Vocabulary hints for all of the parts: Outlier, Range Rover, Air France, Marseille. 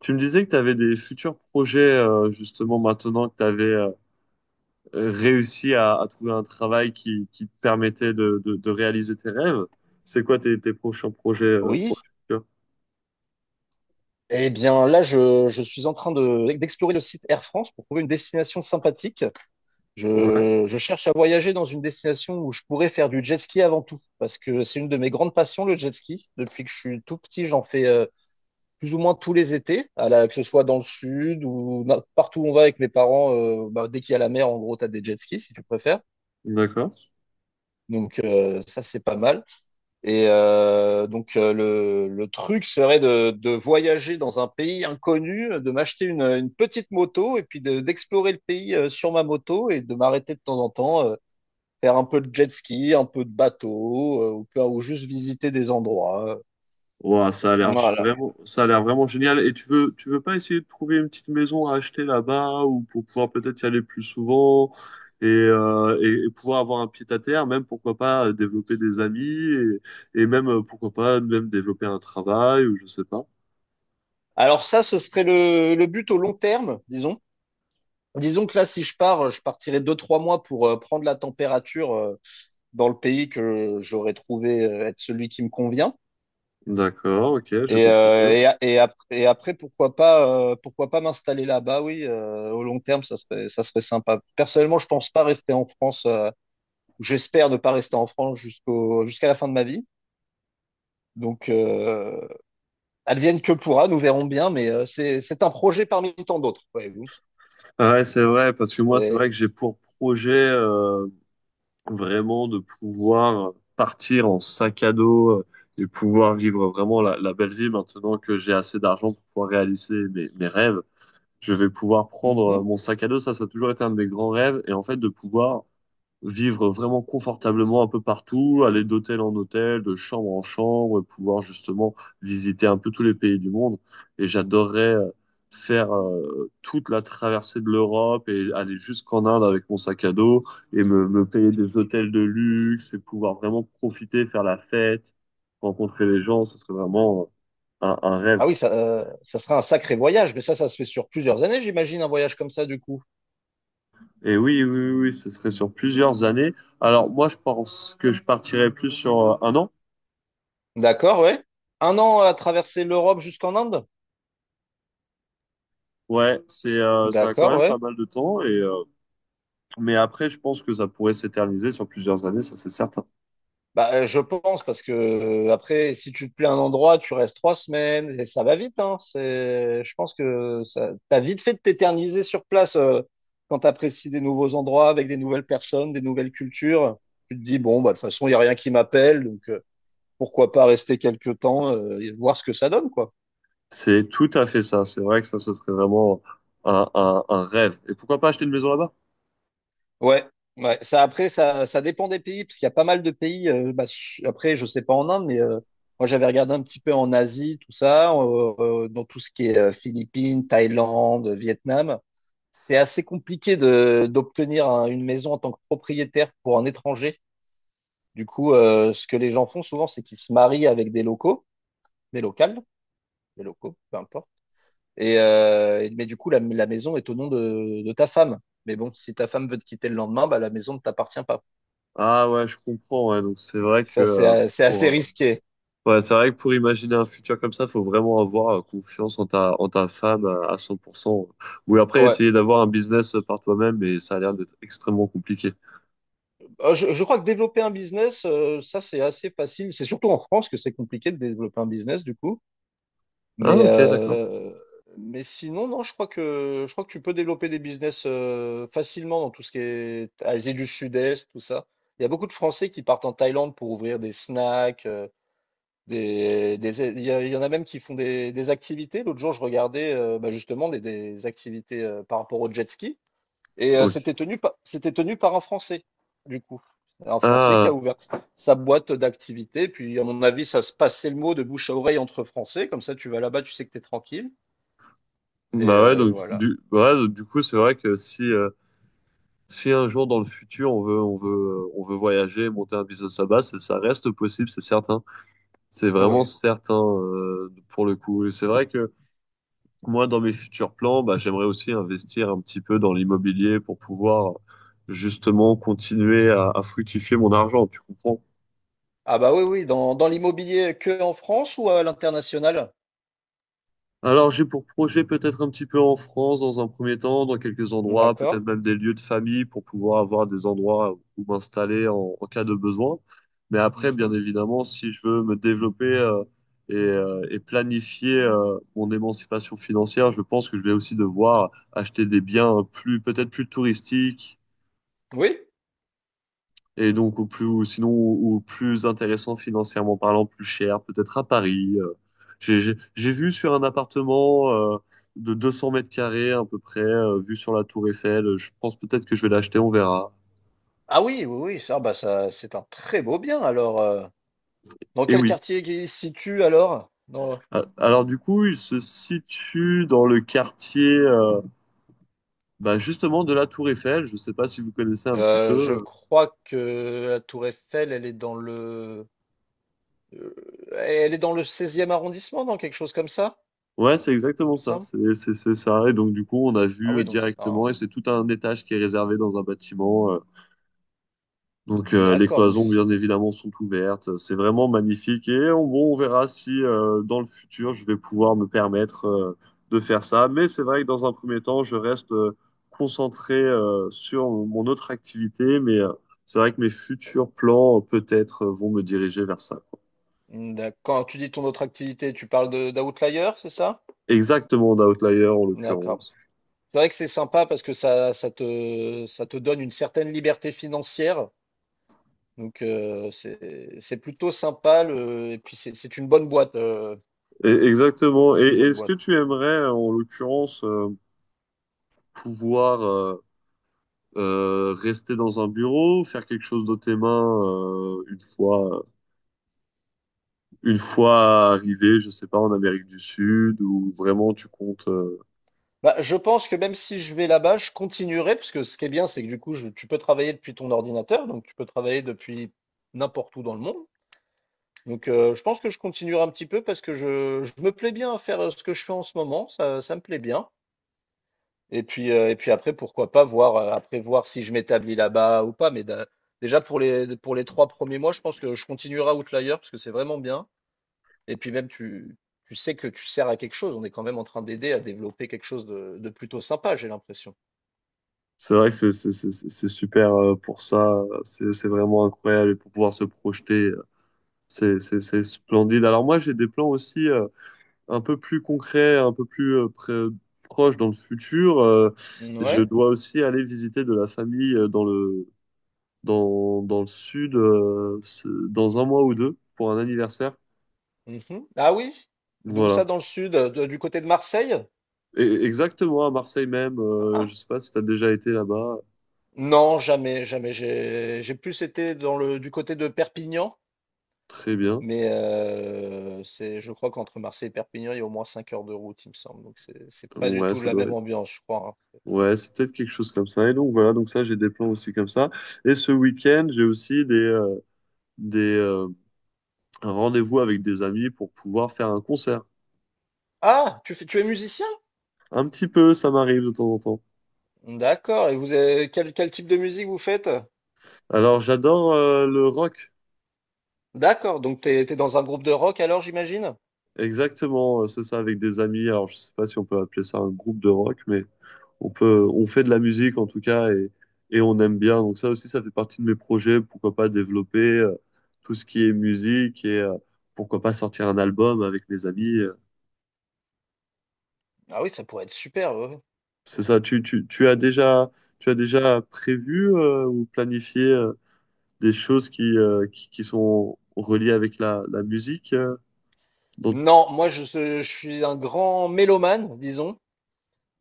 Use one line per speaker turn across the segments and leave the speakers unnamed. Tu me disais que tu avais des futurs projets, justement, maintenant que tu avais réussi à trouver un travail qui te permettait de réaliser tes rêves. C'est quoi tes prochains projets, pour
Oui.
le futur?
Eh bien, là, je suis en train d'explorer le site Air France pour trouver une destination sympathique.
Ouais,
Je cherche à voyager dans une destination où je pourrais faire du jet ski avant tout, parce que c'est une de mes grandes passions, le jet ski. Depuis que je suis tout petit, j'en fais plus ou moins tous les étés, que ce soit dans le sud ou partout où on va avec mes parents. Bah, dès qu'il y a la mer, en gros, tu as des jet skis, si tu préfères.
d'accord.
Donc, ça, c'est pas mal. Le truc serait de voyager dans un pays inconnu, de m'acheter une petite moto et puis d'explorer le pays sur ma moto et de m'arrêter de temps en temps, faire un peu de jet ski, un peu de bateau, ou, ou juste visiter des endroits.
Ouah, ça a l'air
Voilà.
vraiment, ça a l'air vraiment génial. Et tu veux pas essayer de trouver une petite maison à acheter là-bas ou pour pouvoir peut-être y aller plus souvent et pouvoir avoir un pied à terre, même pourquoi pas développer des amis et même pourquoi pas même développer un travail ou je sais pas.
Alors ça, ce serait le but au long terme, disons. Disons que là, si je pars, je partirai 2, 3 mois pour prendre la température dans le pays que j'aurais trouvé être celui qui me convient.
D'accord, ok, je
Et,
comprends
euh,
mieux.
et, a- et, après, et après, pourquoi pas m'installer là-bas, oui, au long terme, ça serait sympa. Personnellement, je pense pas rester en France, j'espère ne pas rester en France jusqu'à la fin de ma vie. Donc, advienne que pourra, nous verrons bien, mais c'est un projet parmi tant d'autres, voyez-vous.
Ah ouais, c'est vrai, parce que moi, c'est
Et-
vrai que j'ai pour projet vraiment de pouvoir partir en sac à dos et pouvoir vivre vraiment la belle vie maintenant que j'ai assez d'argent pour pouvoir réaliser mes rêves. Je vais pouvoir prendre
Mhm.
mon sac à dos, ça a toujours été un de mes grands rêves, et en fait, de pouvoir vivre vraiment confortablement un peu partout, aller d'hôtel en hôtel, de chambre en chambre, pouvoir justement visiter un peu tous les pays du monde. Et j'adorerais faire toute la traversée de l'Europe et aller jusqu'en Inde avec mon sac à dos et me payer des hôtels de luxe et pouvoir vraiment profiter, faire la fête, rencontrer les gens, ce serait vraiment un rêve.
Ah oui, ça, ça sera un sacré voyage, mais ça se fait sur plusieurs années, j'imagine, un voyage comme ça, du coup.
Et oui, ce serait sur plusieurs années. Alors moi, je pense que je partirais plus sur un an.
D'accord, ouais. Un an à traverser l'Europe jusqu'en Inde?
Ouais, c'est ça a quand
D'accord,
même pas
ouais.
mal de temps et mais après je pense que ça pourrait s'éterniser sur plusieurs années, ça c'est certain.
Bah, je pense parce que après, si tu te plais à un endroit, tu restes 3 semaines et ça va vite, hein. C'est, je pense que ça, t'as vite fait de t'éterniser sur place quand t'apprécies des nouveaux endroits avec des nouvelles personnes, des nouvelles cultures. Tu te dis bon, bah de toute façon, il y a rien qui m'appelle, donc pourquoi pas rester quelques temps et voir ce que ça donne, quoi.
C'est tout à fait ça. C'est vrai que ça se ferait vraiment un rêve. Et pourquoi pas acheter une maison là-bas?
Ouais, ouais. Ça, après, ça dépend des pays, parce qu'il y a pas mal de pays. Bah, après, je sais pas en Inde, mais moi, j'avais regardé un petit peu en Asie, tout ça, dans tout ce qui est Philippines, Thaïlande, Vietnam. C'est assez compliqué de d'obtenir une maison en tant que propriétaire pour un étranger. Du coup, ce que les gens font souvent, c'est qu'ils se marient avec des locaux, des locales, des locaux, peu importe. Mais du coup, la maison est au nom de ta femme. Mais bon, si ta femme veut te quitter le lendemain, bah, la maison ne t'appartient pas.
Ah ouais, je comprends. Ouais. Donc c'est vrai que
Ça, c'est c'est assez
pour
risqué.
ouais, c'est vrai que pour imaginer un futur comme ça, faut vraiment avoir confiance en ta femme à 100%. Ou après
Ouais.
essayer d'avoir un business par toi-même, mais ça a l'air d'être extrêmement compliqué.
Je crois que développer un business, ça, c'est assez facile. C'est surtout en France que c'est compliqué de développer un business, du coup.
Ah
Mais,
ok, d'accord.
euh, mais sinon, non, je crois que tu peux développer des business facilement dans tout ce qui est Asie du Sud-Est, tout ça. Il y a beaucoup de Français qui partent en Thaïlande pour ouvrir des snacks. Des, il y en a même qui font des activités. L'autre jour, je regardais bah, justement des activités par rapport au jet ski. Et
Ok.
c'était tenu, c'était tenu par un Français, du coup. Un Français qui a
Ah.
ouvert sa boîte d'activité. Puis, à mon avis, ça se passait le mot de bouche à oreille entre Français. Comme ça, tu vas là-bas, tu sais que tu es tranquille.
Bah ouais,
Et voilà.
ouais, donc, du coup, c'est vrai que si, si un jour dans le futur on veut voyager, monter un business là-bas, ça reste possible, c'est certain. C'est vraiment
Ouais.
certain pour le coup. Et c'est vrai que moi, dans mes futurs plans, bah, j'aimerais aussi investir un petit peu dans l'immobilier pour pouvoir justement continuer à fructifier mon argent, tu comprends?
Ah bah oui, oui, dans, dans l'immobilier que en France ou à l'international?
Alors, j'ai pour projet peut-être un petit peu en France dans un premier temps, dans quelques endroits, peut-être
D'accord.
même des lieux de famille pour pouvoir avoir des endroits où m'installer en cas de besoin. Mais après, bien
Mhm.
évidemment, si je veux me développer et planifier mon émancipation financière, je pense que je vais aussi devoir acheter des biens plus, peut-être plus touristiques
Oui.
et donc, au plus, ou sinon, au plus intéressant financièrement parlant, plus cher, peut-être à Paris. J'ai vu sur un appartement de 200 mètres carrés à peu près, vu sur la tour Eiffel. Je pense peut-être que je vais l'acheter, on verra.
Ah oui, oui, oui, ça, bah ça, c'est un très beau bien. Alors, dans
Et
quel
oui.
quartier il se situe alors?
Ah, alors du coup, il se situe dans le quartier bah, justement de la tour Eiffel. Je ne sais pas si vous connaissez un petit peu.
Je
euh.
crois que la Tour Eiffel, elle est dans le Heu, elle est dans le seizième arrondissement, dans quelque chose comme ça,
Ouais, c'est
il me
exactement ça.
semble?
C'est ça. Et donc du coup, on a
Ah
vu
oui, donc c'est
directement,
un
et c'est tout un étage qui est réservé dans un bâtiment. Donc les
d'accord, donc
cloisons,
c
bien évidemment, sont ouvertes. C'est vraiment magnifique. Et on, bon, on verra si dans le futur, je vais pouvoir me permettre de faire ça. Mais c'est vrai que dans un premier temps, je reste concentré sur mon autre activité. Mais c'est vrai que mes futurs plans, vont me diriger vers ça.
mmh, d'ac quand tu dis ton autre activité, tu parles de d'Outlier, c'est ça?
Exactement, d'Outlier en
D'accord.
l'occurrence.
C'est vrai que c'est sympa parce que ça ça te donne une certaine liberté financière, donc c'est plutôt sympa le et puis c'est une bonne boîte,
Et
je trouve que
exactement. Et
c'est une bonne
est-ce que
boîte.
tu aimerais, en l'occurrence, pouvoir... euh, rester dans un bureau, faire quelque chose de tes mains une fois arrivé, je sais pas, en Amérique du Sud, ou vraiment tu comptes.
Bah, je pense que même si je vais là-bas, je continuerai parce que ce qui est bien, c'est que du coup, je tu peux travailler depuis ton ordinateur, donc tu peux travailler depuis n'importe où dans le monde. Donc, je pense que je continuerai un petit peu parce que je me plais bien à faire ce que je fais en ce moment, ça me plaît bien. Et puis après, pourquoi pas voir, après voir si je m'établis là-bas ou pas. Mais déjà pour les 3 premiers mois, je pense que je continuerai à Outlier parce que c'est vraiment bien. Et puis même, tu sais que tu sers à quelque chose. On est quand même en train d'aider à développer quelque chose de plutôt sympa, j'ai l'impression.
C'est vrai que c'est super pour ça, c'est vraiment incroyable et pour pouvoir se projeter, c'est splendide. Alors moi j'ai des plans aussi un peu plus concrets, un peu plus proches dans le futur. Je
Ouais.
dois aussi aller visiter de la famille dans le dans le sud dans un mois ou deux pour un anniversaire.
Mhm. Ah oui? D'où ça
Voilà.
dans le sud, du côté de Marseille?
Et, exactement, à Marseille même. Je
Ah,
sais pas si tu as déjà été là-bas.
non, jamais, jamais. J'ai plus été dans le du côté de Perpignan,
Très bien.
mais c'est, je crois qu'entre Marseille et Perpignan, il y a au moins 5 heures de route, il me semble. Donc c'est pas du
Ouais,
tout
ça
la
doit
même
être.
ambiance, je crois. Hein.
Ouais, c'est peut-être quelque chose comme ça. Et donc voilà, donc ça, j'ai des plans aussi comme ça. Et ce week-end, j'ai aussi des un rendez-vous avec des amis pour pouvoir faire un concert.
Ah, tu fais, tu es musicien?
Un petit peu, ça m'arrive de temps en temps.
D'accord. Et vous avez, quel, quel type de musique vous faites?
Alors, j'adore le rock.
D'accord. Donc t'es dans un groupe de rock alors, j'imagine?
Exactement, c'est ça, avec des amis. Alors, je sais pas si on peut appeler ça un groupe de rock, mais on peut, on fait de la musique en tout cas et on aime bien. Donc ça aussi, ça fait partie de mes projets. Pourquoi pas développer tout ce qui est musique et pourquoi pas sortir un album avec mes amis.
Ah oui, ça pourrait être super. Ouais, ouais.
C'est ça. Tu as déjà prévu ou planifié des choses qui sont reliées avec la musique. dans-
Non, moi je suis un grand mélomane, disons.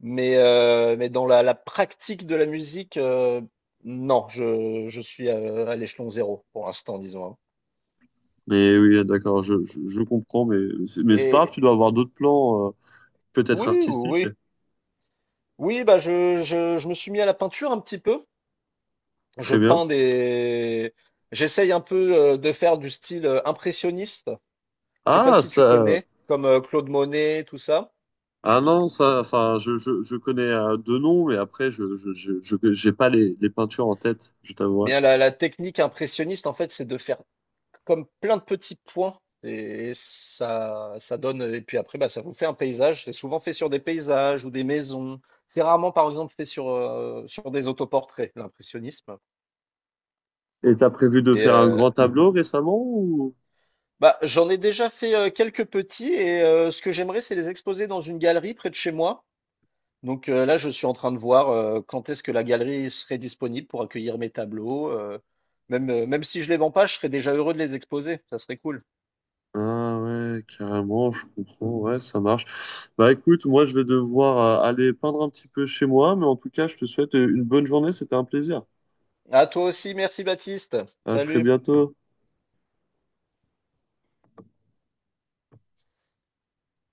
Mais dans la, la pratique de la musique, non, je suis à l'échelon zéro pour l'instant, disons. Hein.
Mais oui, d'accord, je comprends. Mais c'est pas grave,
Et
tu dois avoir d'autres plans,
oui,
peut-être
oui,
artistiques.
oui, oui, bah je me suis mis à la peinture un petit peu. Je
Très bien.
peins des. J'essaye un peu de faire du style impressionniste. Je sais pas
Ah,
si tu
ça.
connais, comme Claude Monet, tout ça.
Ah non, ça, enfin, je connais deux noms, mais après, j'ai pas les, les peintures en tête, je t'avouerai.
Bien, la technique impressionniste, en fait, c'est de faire comme plein de petits points. Et ça donne, et puis après, bah, ça vous fait un paysage. C'est souvent fait sur des paysages ou des maisons. C'est rarement, par exemple, fait sur, sur des autoportraits, l'impressionnisme.
Et t'as prévu de
Et
faire un
euh,
grand tableau récemment ou?
Bah, j'en ai déjà fait quelques petits, et ce que j'aimerais, c'est les exposer dans une galerie près de chez moi. Donc là, je suis en train de voir quand est-ce que la galerie serait disponible pour accueillir mes tableaux. Même, même si je les vends pas, je serais déjà heureux de les exposer. Ça serait cool.
Ah ouais, carrément, je comprends, ouais, ça marche. Bah écoute, moi je vais devoir aller peindre un petit peu chez moi, mais en tout cas, je te souhaite une bonne journée, c'était un plaisir.
À toi aussi, merci Baptiste.
À très
Salut.
bientôt.